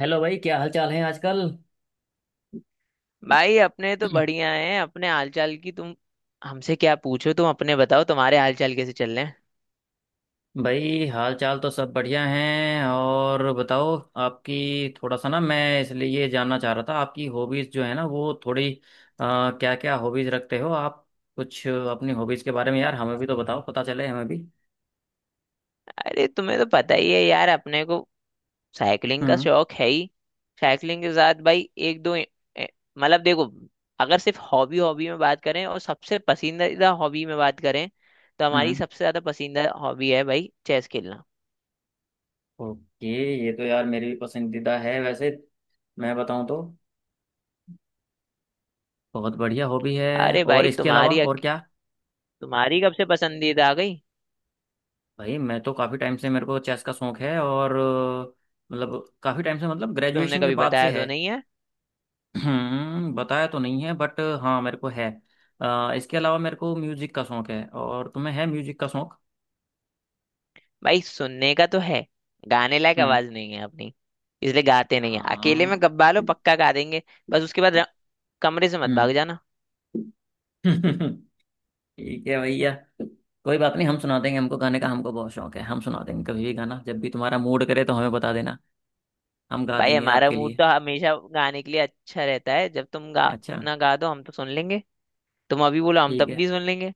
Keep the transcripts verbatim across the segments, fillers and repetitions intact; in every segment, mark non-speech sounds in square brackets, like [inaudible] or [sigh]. Hello भाई, क्या हाल चाल है आजकल। भाई अपने तो बढ़िया हैं। अपने हालचाल की तुम हमसे क्या पूछो, तुम अपने बताओ, तुम्हारे हालचाल कैसे चल रहे हैं। भाई, हाल चाल तो सब बढ़िया हैं। और बताओ। आपकी थोड़ा सा ना, मैं इसलिए ये जानना चाह रहा था, आपकी हॉबीज जो है ना वो थोड़ी क्या क्या हॉबीज रखते हो आप। कुछ अपनी हॉबीज के बारे में यार हमें भी तो बताओ, पता चले हमें भी। अरे तुम्हें तो पता ही है यार, अपने को साइकिलिंग का हम्म। शौक है ही। साइकिलिंग के साथ भाई एक दो ए- ए- मतलब देखो, अगर सिर्फ हॉबी हॉबी में बात करें और सबसे पसंदीदा हॉबी में बात करें, तो हमारी हम्म। सबसे ज्यादा पसंदीदा हॉबी है भाई चेस खेलना। ओके। ये तो यार मेरी भी पसंदीदा है वैसे, मैं बताऊं तो। बहुत बढ़िया हॉबी है। अरे और भाई इसके अलावा तुम्हारी और अक- क्या। तुम्हारी कब से पसंदीदा आ गई? भाई मैं तो काफ़ी टाइम से, मेरे को चेस का शौक है और अ, मतलब काफ़ी टाइम से, मतलब तुमने ग्रेजुएशन के कभी बाद से बताया तो है। नहीं है। [clears throat] हम्म, बताया तो नहीं है, बट हाँ मेरे को है। अ, इसके अलावा मेरे को म्यूजिक का शौक है। और तुम्हें है म्यूजिक का शौक। भाई सुनने का तो है, गाने लायक हम्म। आवाज नहीं है अपनी, इसलिए गाते नहीं है। अकेले में हाँ। गब्बा लो पक्का गा देंगे। बस उसके बाद र- कमरे से मत भाग हम्म। जाना। [laughs] ठीक है भैया। कोई बात नहीं, हम सुना देंगे। हमको गाने का हमको बहुत शौक है, हम सुना देंगे कभी भी गाना, जब भी तुम्हारा मूड करे तो हमें बता देना। हम गा भाई देंगे हमारा आपके मूड लिए। तो हमेशा गाने के लिए अच्छा रहता है। जब तुम गा अच्छा। ना गा दो हम तो सुन लेंगे। तुम अभी बोलो हम ठीक तब है। भी सुन लेंगे।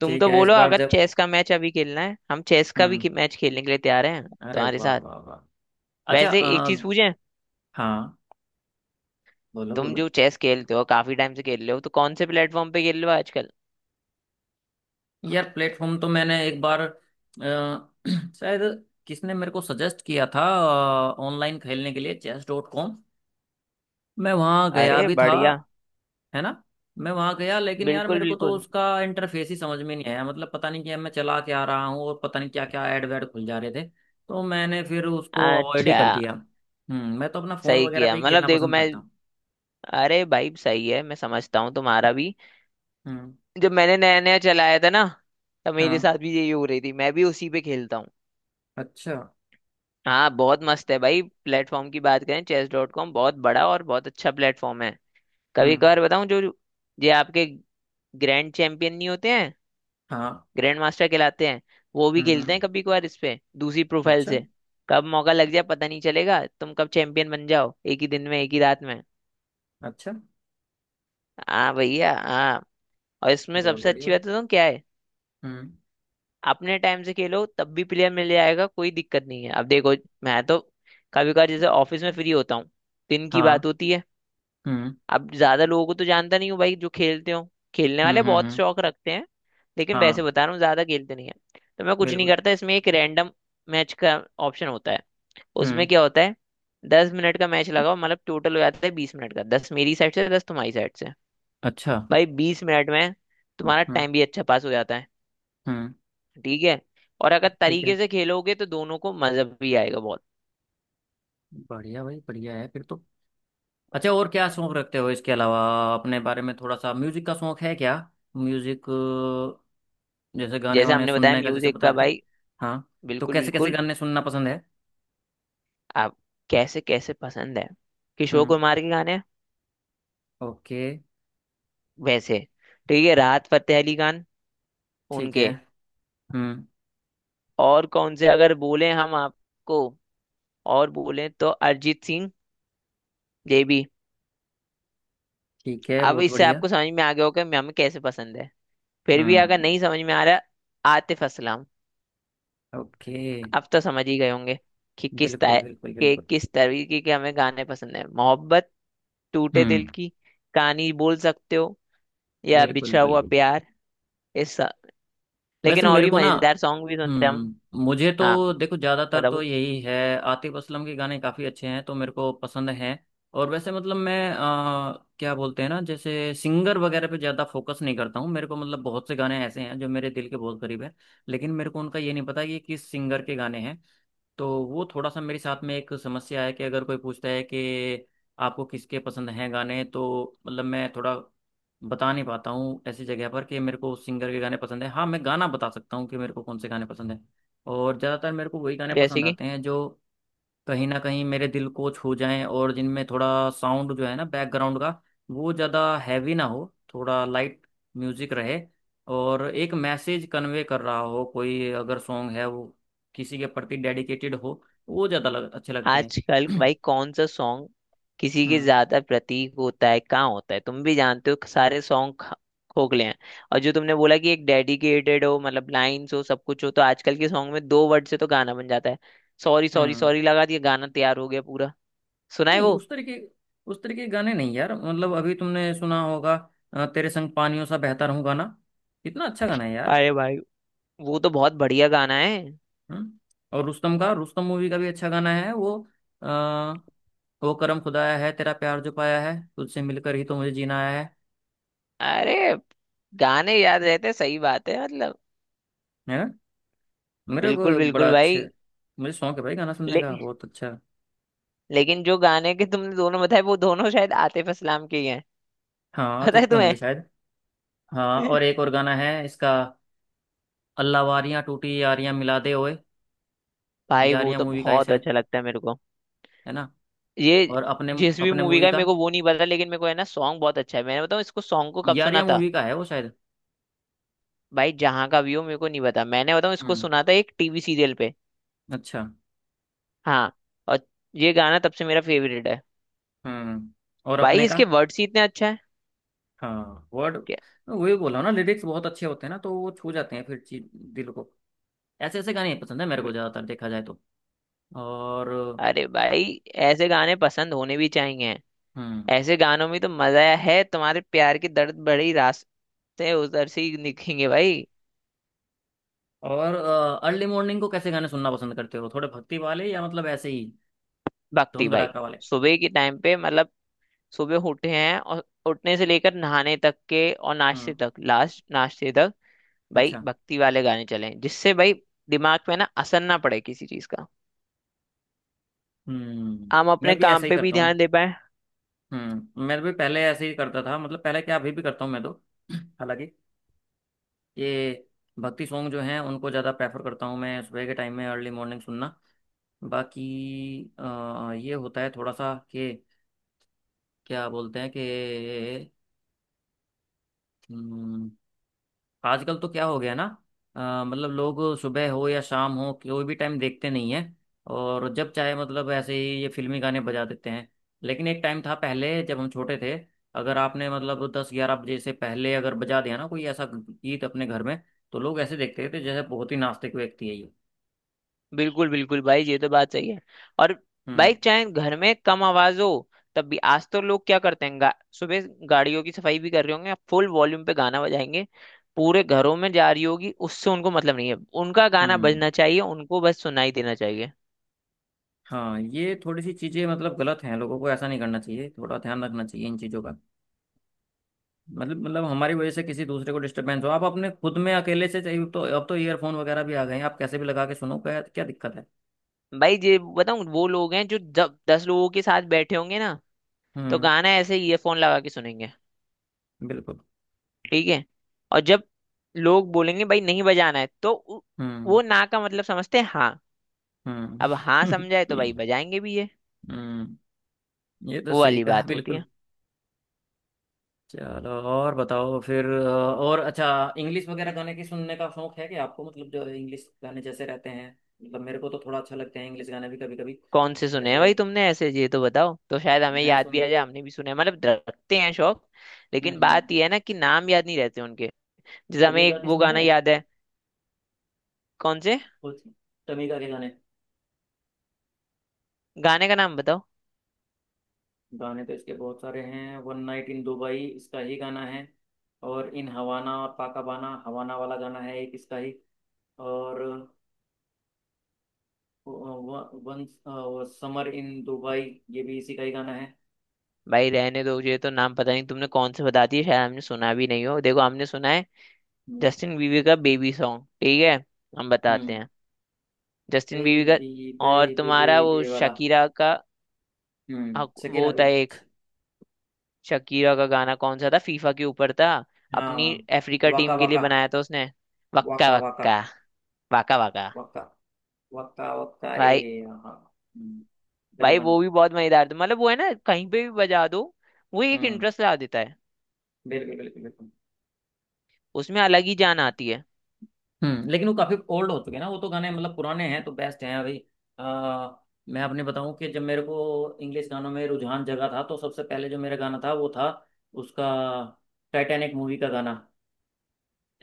तुम ठीक तो है इस बोलो बार अगर जब। चेस का मैच अभी खेलना है, हम चेस का भी हम्म। मैच खेलने के लिए तैयार हैं अरे तुम्हारे वाह साथ। वाह वाह। अच्छा वैसे एक चीज अ, पूछें, हाँ। बोलो तुम बोलो। जो चेस खेलते हो काफी टाइम से खेल रहे हो, तो कौन से प्लेटफॉर्म पे खेल रहे हो आजकल? यार प्लेटफॉर्म तो मैंने एक बार अ, [clears throat] शायद किसने मेरे को सजेस्ट किया था ऑनलाइन खेलने के लिए, चेस डॉट कॉम। मैं वहाँ गया अरे भी था। बढ़िया। है ना। मैं वहाँ गया, लेकिन यार बिल्कुल मेरे को तो बिल्कुल। उसका इंटरफेस ही समझ में नहीं आया। मतलब पता नहीं क्या मैं चला क्या रहा हूँ, और पता नहीं क्या क्या ऐड वैड खुल जा रहे थे। तो मैंने फिर उसको अवॉइड ही अच्छा, कर दिया। हम्म मैं तो अपना फ़ोन सही वगैरह पे किया। ही मतलब खेलना देखो पसंद मैं, करता हूँ। अरे भाई सही है, मैं समझता हूँ तुम्हारा भी। हम्म। जब मैंने नया नया चलाया था ना, तब मेरे हाँ। साथ भी यही हो रही थी। मैं भी उसी पे खेलता हूँ। अच्छा। हाँ बहुत मस्त है भाई। प्लेटफॉर्म की बात करें, चेस डॉट कॉम बहुत बड़ा और बहुत अच्छा प्लेटफॉर्म है। कभी हम्म। कभार बताऊँ, जो ये आपके ग्रैंड चैंपियन नहीं होते हैं, हाँ। ग्रैंड मास्टर कहलाते हैं, वो भी हम्म। खेलते हैं हम्म। कभी कभार इस पे दूसरी प्रोफाइल अच्छा। से। कब मौका लग जाए पता नहीं चलेगा, तुम कब चैंपियन बन जाओ एक ही दिन में, एक ही रात में। अच्छा। हाँ भैया हाँ। और इसमें बहुत सबसे अच्छी बढ़िया। बात तो क्या है, हम्म। अपने टाइम से खेलो तब भी प्लेयर मिल जाएगा, कोई दिक्कत नहीं है। अब देखो, मैं तो कभी कभार जैसे ऑफिस में फ्री होता हूँ, दिन की बात हाँ। होती है, हम्म। अब ज्यादा लोगों को तो जानता नहीं हूँ भाई जो खेलते हो। खेलने हम्म। वाले हम्म। बहुत हम्म। शौक रखते हैं, लेकिन वैसे हाँ। बता रहा हूँ ज्यादा खेलते नहीं है। तो मैं कुछ नहीं बिल्कुल। करता, इसमें एक रैंडम मैच का ऑप्शन होता है। उसमें हम्म। क्या होता है, दस मिनट का मैच लगाओ, मतलब टोटल हो जाता है बीस मिनट का, दस मेरी साइड से, दस तुम्हारी साइड से। अच्छा। भाई बीस मिनट में तुम्हारा हम्म। टाइम भी अच्छा पास हो जाता है। हम्म। ठीक है, और अगर ठीक तरीके है। से खेलोगे तो दोनों को मजा भी आएगा बहुत। बढ़िया भाई, बढ़िया है फिर तो। अच्छा और क्या शौक रखते हो इसके अलावा, अपने बारे में थोड़ा सा। म्यूजिक का शौक है क्या। म्यूजिक अ, जैसे गाने जैसे वाने हमने बताया सुनने का, जैसे म्यूजिक बता का रहे थे। भाई, हाँ। तो बिल्कुल कैसे कैसे बिल्कुल। गाने सुनना पसंद है। आप कैसे कैसे पसंद है? किशोर हम्म। कुमार के गाने ओके। वैसे, ठीक है, राहत फतेह अली खान, ठीक है। उनके। हम्म। और कौन से अगर बोले हम आपको, और बोले तो अरिजीत सिंह, ये भी। ठीक है, अब बहुत इससे बढ़िया। आपको समझ में आ गया होगा कि हमें कैसे पसंद है। फिर भी अगर हम्म। नहीं समझ में आ रहा, आतिफ असलम। ओके। अब तो समझ ही गए होंगे कि किस बिल्कुल टाइप बिल्कुल के, बिल्कुल। किस तरीके के हमें गाने पसंद है। मोहब्बत, टूटे दिल हम्म। की कहानी बोल सकते हो, या बिल्कुल बिछड़ा हुआ बिल्कुल। प्यार। इस, वैसे लेकिन और मेरे भी को ना, मजेदार सॉन्ग भी सुनते हैं हम। हम्म मुझे हाँ तो देखो, ज्यादातर बताओ, तो यही है, आतिफ असलम के गाने काफी अच्छे हैं, तो मेरे को पसंद हैं। और वैसे, मतलब मैं अ, क्या बोलते हैं ना, जैसे सिंगर वगैरह पे ज्यादा फोकस नहीं करता हूँ। मेरे को मतलब बहुत से गाने ऐसे हैं जो मेरे दिल के बहुत करीब है, लेकिन मेरे को उनका ये नहीं पता कि किस सिंगर के गाने हैं। तो वो थोड़ा सा मेरे साथ में एक समस्या है कि अगर कोई पूछता है कि आपको किसके पसंद हैं गाने, तो मतलब मैं थोड़ा बता नहीं पाता हूँ ऐसी जगह पर कि मेरे को उस सिंगर के गाने पसंद है। हाँ मैं गाना बता सकता हूँ कि मेरे को कौन से गाने पसंद हैं। और ज़्यादातर मेरे को वही गाने जैसे पसंद कि आते हैं जो कहीं ना कहीं मेरे दिल को छू जाएं, और जिनमें थोड़ा साउंड जो है ना, बैकग्राउंड का, वो ज़्यादा हैवी ना हो, थोड़ा लाइट म्यूजिक रहे। और एक मैसेज कन्वे कर रहा हो, कोई अगर सॉन्ग है वो किसी के प्रति डेडिकेटेड हो, वो ज़्यादा लग, अच्छे लगते आजकल हैं। भाई [clears throat] कौन सा सॉन्ग किसी के हम्म। ज्यादा प्रतीक होता है? कहाँ होता है? तुम भी जानते हो सारे सॉन्ग खोखले हैं। और जो तुमने बोला कि एक डेडिकेटेड हो, मतलब लाइन्स हो, सब कुछ हो, तो आजकल के सॉन्ग में दो वर्ड से तो गाना बन जाता है। सॉरी सॉरी हम्म सॉरी लगा दिया, गाना तैयार हो गया पूरा। सुना है नहीं वो? उस तरीके, उस तरीके के गाने नहीं यार। मतलब अभी तुमने सुना होगा, अ, तेरे संग पानियों सा बहता रहूं गाना। कितना अच्छा गाना है यार। अरे भाई वो तो बहुत बढ़िया गाना है। हम्म? और रुस्तम का, रुस्तम मूवी का भी अच्छा गाना है वो। आ, वो करम खुदाया है तेरा, प्यार जो पाया है, तुझसे मिलकर ही तो मुझे जीना आया है। अरे गाने याद रहते, सही बात है मतलब। है ना। मेरे को बिल्कुल बड़ा बिल्कुल भाई। अच्छे। मुझे शौक है भाई गाना सुनने ले, का, बहुत अच्छा। लेकिन जो गाने के तुमने दोनों बताए वो दोनों शायद आतिफ असलाम के ही हैं। [laughs] हाँ पता आतिफ है के तुम्हें? होंगे शायद। हाँ और एक और [laughs] गाना है इसका, अल्लाह वारियां टूटी यारियां मिला दे ओए। भाई वो यारियां तो मूवी का है बहुत शायद। अच्छा लगता है मेरे को। है ना। ये और अपने, जिस भी अपने मूवी का मूवी है, का, मेरे को वो नहीं पता, लेकिन मेरे को है ना सॉन्ग बहुत अच्छा है। मैंने बताऊँ इसको, सॉन्ग को कब सुना यारियां था? मूवी का है वो शायद। भाई जहाँ का व्यू मेरे को नहीं पता, मैंने बताऊँ इसको हम्म। सुना था एक टीवी सीरियल पे। अच्छा। हाँ, और ये गाना तब से मेरा फेवरेट है। हम्म और भाई अपने का। इसके वर्ड्स ही इतने अच्छा हाँ वर्ड, वही बोला ना, लिरिक्स बहुत अच्छे होते हैं ना, तो वो छू जाते हैं फिर चीज, दिल को। ऐसे ऐसे गाने पसंद है मेरे है। को, ज्यादातर देखा जाए तो। और। अरे भाई ऐसे गाने पसंद होने भी चाहिए। हम्म। ऐसे गानों में तो मजा है, तुम्हारे प्यार के दर्द भरी रास्ते उधर से ही दिखेंगे भाई। और अर्ली मॉर्निंग को कैसे गाने सुनना पसंद करते हो, थोड़े भक्ति वाले या मतलब ऐसे ही भक्ति धूम भाई, धड़ाका वाले। सुबह के टाइम पे मतलब, सुबह उठे हैं और उठने से लेकर नहाने तक के, और नाश्ते हम्म। तक, लास्ट नाश्ते तक भाई अच्छा। भक्ति वाले गाने चले, जिससे भाई दिमाग पे ना असर ना पड़े किसी चीज का, हम्म। हम मैं अपने भी ऐसा काम ही पे भी करता हूँ। ध्यान दे पाए। हम्म मैं भी पहले ऐसे ही करता था, मतलब पहले क्या अभी भी करता हूँ मैं तो। [clears throat] हालांकि ये भक्ति सॉन्ग जो हैं उनको ज़्यादा प्रेफर करता हूँ मैं सुबह के टाइम में, अर्ली मॉर्निंग सुनना। बाकी अ, ये होता है थोड़ा सा कि क्या बोलते हैं कि हम्म, आजकल तो क्या हो गया ना, अ, मतलब लोग सुबह हो या शाम हो कोई भी टाइम देखते नहीं है, और जब चाहे मतलब ऐसे ही ये फिल्मी गाने बजा देते हैं। लेकिन एक टाइम था पहले, जब हम छोटे थे, अगर आपने मतलब दस ग्यारह बजे से पहले अगर बजा दिया ना कोई ऐसा गीत अपने घर में, तो लोग ऐसे देखते थे जैसे बहुत ही नास्तिक व्यक्ति है ये। बिल्कुल बिल्कुल भाई, ये तो बात सही है। और भाई हम्म। चाहे घर में कम आवाज हो, तब भी आज तो लोग क्या करते हैं, गा, सुबह गाड़ियों की सफाई भी कर रहे होंगे, फुल वॉल्यूम पे गाना बजाएंगे। पूरे घरों में जा रही होगी, उससे उनको मतलब नहीं है। उनका गाना हम्म। बजना चाहिए, उनको बस सुनाई देना चाहिए। हाँ ये थोड़ी सी चीज़ें मतलब गलत हैं। लोगों को ऐसा नहीं करना चाहिए, थोड़ा ध्यान रखना चाहिए इन चीज़ों का। मतलब मतलब हमारी वजह से किसी दूसरे को डिस्टरबेंस हो। आप अपने खुद में अकेले से चाहिए तो, अब तो ईयरफोन वगैरह भी आ गए हैं, आप कैसे भी लगा के सुनो, क्या क्या दिक्कत है। भाई ये बताऊं, वो लोग हैं जो जब दस लोगों के साथ बैठे होंगे ना, तो हम्म। गाना ऐसे ईयरफोन लगा के सुनेंगे। बिल्कुल। ठीक है, और जब लोग बोलेंगे भाई नहीं बजाना है, तो उ- हम्म। वो ना का मतलब समझते हैं हाँ। हम्म। अब हाँ [laughs] समझाए तो भाई बजाएंगे भी ये। हम्म। ये तो वो सही वाली कहा, बात होती है। बिल्कुल। चलो और बताओ फिर, अ, और अच्छा इंग्लिश वगैरह गाने की सुनने का शौक है कि आपको, मतलब जो इंग्लिश गाने जैसे रहते हैं, मतलब मेरे को तो थोड़ा अच्छा लगता है इंग्लिश गाने भी कभी कभी। कौन से सुने हैं जैसे भाई तुमने, ऐसे ये तो बताओ, तो शायद हमें मैं याद भी सुन आ जाए, हमने भी सुने हैं। मतलब रखते हैं शौक। हम्म। लेकिन बात हम्म। ये है ना कि नाम याद नहीं रहते उनके। जैसे हमें तमीगा एक के वो सुनते गाना हैं, याद है। कौन से? बहुत से तमीगा के गाने। गाने का नाम बताओ। गाने तो इसके बहुत सारे हैं, वन नाइट इन दुबई इसका ही गाना है। और इन हवाना, और पाकाबाना, हवाना वाला गाना है एक इसका ही। और वन समर इन दुबई, ये भी इसी का ही गाना है। भाई रहने दो, ये तो नाम पता नहीं, तुमने कौन से बता दिए, शायद हमने सुना भी नहीं हो। देखो, हमने सुना है जस्टिन बीवी का बेबी सॉन्ग, ठीक है हम बताते हम्म। हैं, जस्टिन बीवी का। बेबी, और बेबी तुम्हारा वो बेबी वाला। शकीरा का, हम्म हक- शकीरा वो भी। था एक शकीरा का गाना, कौन सा था, फीफा के ऊपर था, हाँ। अपनी अफ्रीका वाका टीम के लिए वाका। बनाया था उसने, वक्का वाका वाका। वक्का, वाका वाका। वाका। वाका वाका ए भाई, हाँ। हम्म। गजब भाई गाना। वो भी बहुत मजेदार था, मतलब वो है ना कहीं पे भी बजा दो, वो एक हम्म। इंटरेस्ट ला देता है, बिल्कुल बिल्कुल बिल्कुल। उसमें अलग ही जान आती है। हम्म। लेकिन वो काफी ओल्ड हो चुके हैं ना, वो तो गाने मतलब पुराने हैं, तो बेस्ट हैं अभी। आ, मैं अपने बताऊं कि जब मेरे को इंग्लिश गानों में रुझान जगा था, तो सबसे पहले जो मेरा गाना था वो था उसका टाइटैनिक मूवी का गाना,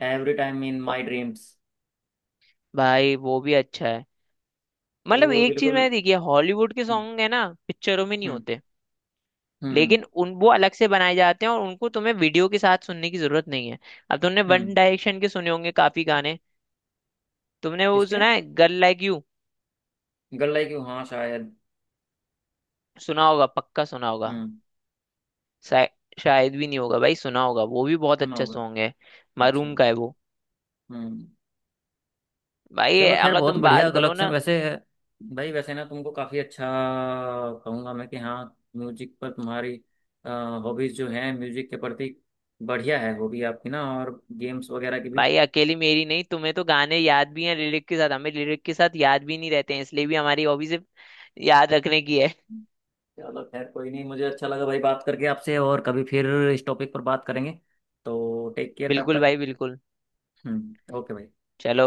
every time in my dreams. भाई वो भी अच्छा है। भाई मतलब वो एक चीज बिल्कुल। मैंने देखी है, हॉलीवुड के हम्म। सॉन्ग है ना पिक्चरों में नहीं हम्म। होते, लेकिन हम्म। उन वो अलग से बनाए जाते हैं, और उनको तुम्हें वीडियो के साथ सुनने की जरूरत नहीं है। अब तुमने वन हम्म। डायरेक्शन के सुने होंगे काफी गाने। तुमने वो किसके, सुना है, girl like you? Girl like you, हाँ शायद। सुना होगा, पक्का सुना होगा। हम्म। शाय- शायद भी नहीं होगा भाई, सुना होगा, वो भी बहुत सुना अच्छा होगा। सॉन्ग है, अच्छा। मरूम का है वो। हम्म। भाई ये चलो खैर, अगर बहुत तुम बढ़िया बात करो कलेक्शन ना, वैसे। भाई वैसे ना तुमको काफ़ी अच्छा कहूँगा मैं कि, हाँ म्यूजिक पर तुम्हारी हॉबीज़ जो हैं म्यूजिक के प्रति, बढ़िया है। हॉबी आपकी ना, और गेम्स वगैरह की भी। भाई अकेली मेरी नहीं, तुम्हें तो गाने याद भी हैं लिरिक के साथ, हमें लिरिक के साथ याद भी नहीं रहते हैं, इसलिए भी हमारी हॉबी सिर्फ याद रखने की है। चलो खैर कोई नहीं, मुझे अच्छा लगा भाई बात करके आपसे, और कभी फिर इस टॉपिक पर बात करेंगे। तो टेक केयर तब बिल्कुल तक। भाई बिल्कुल। हम्म। ओके भाई। चलो भाई।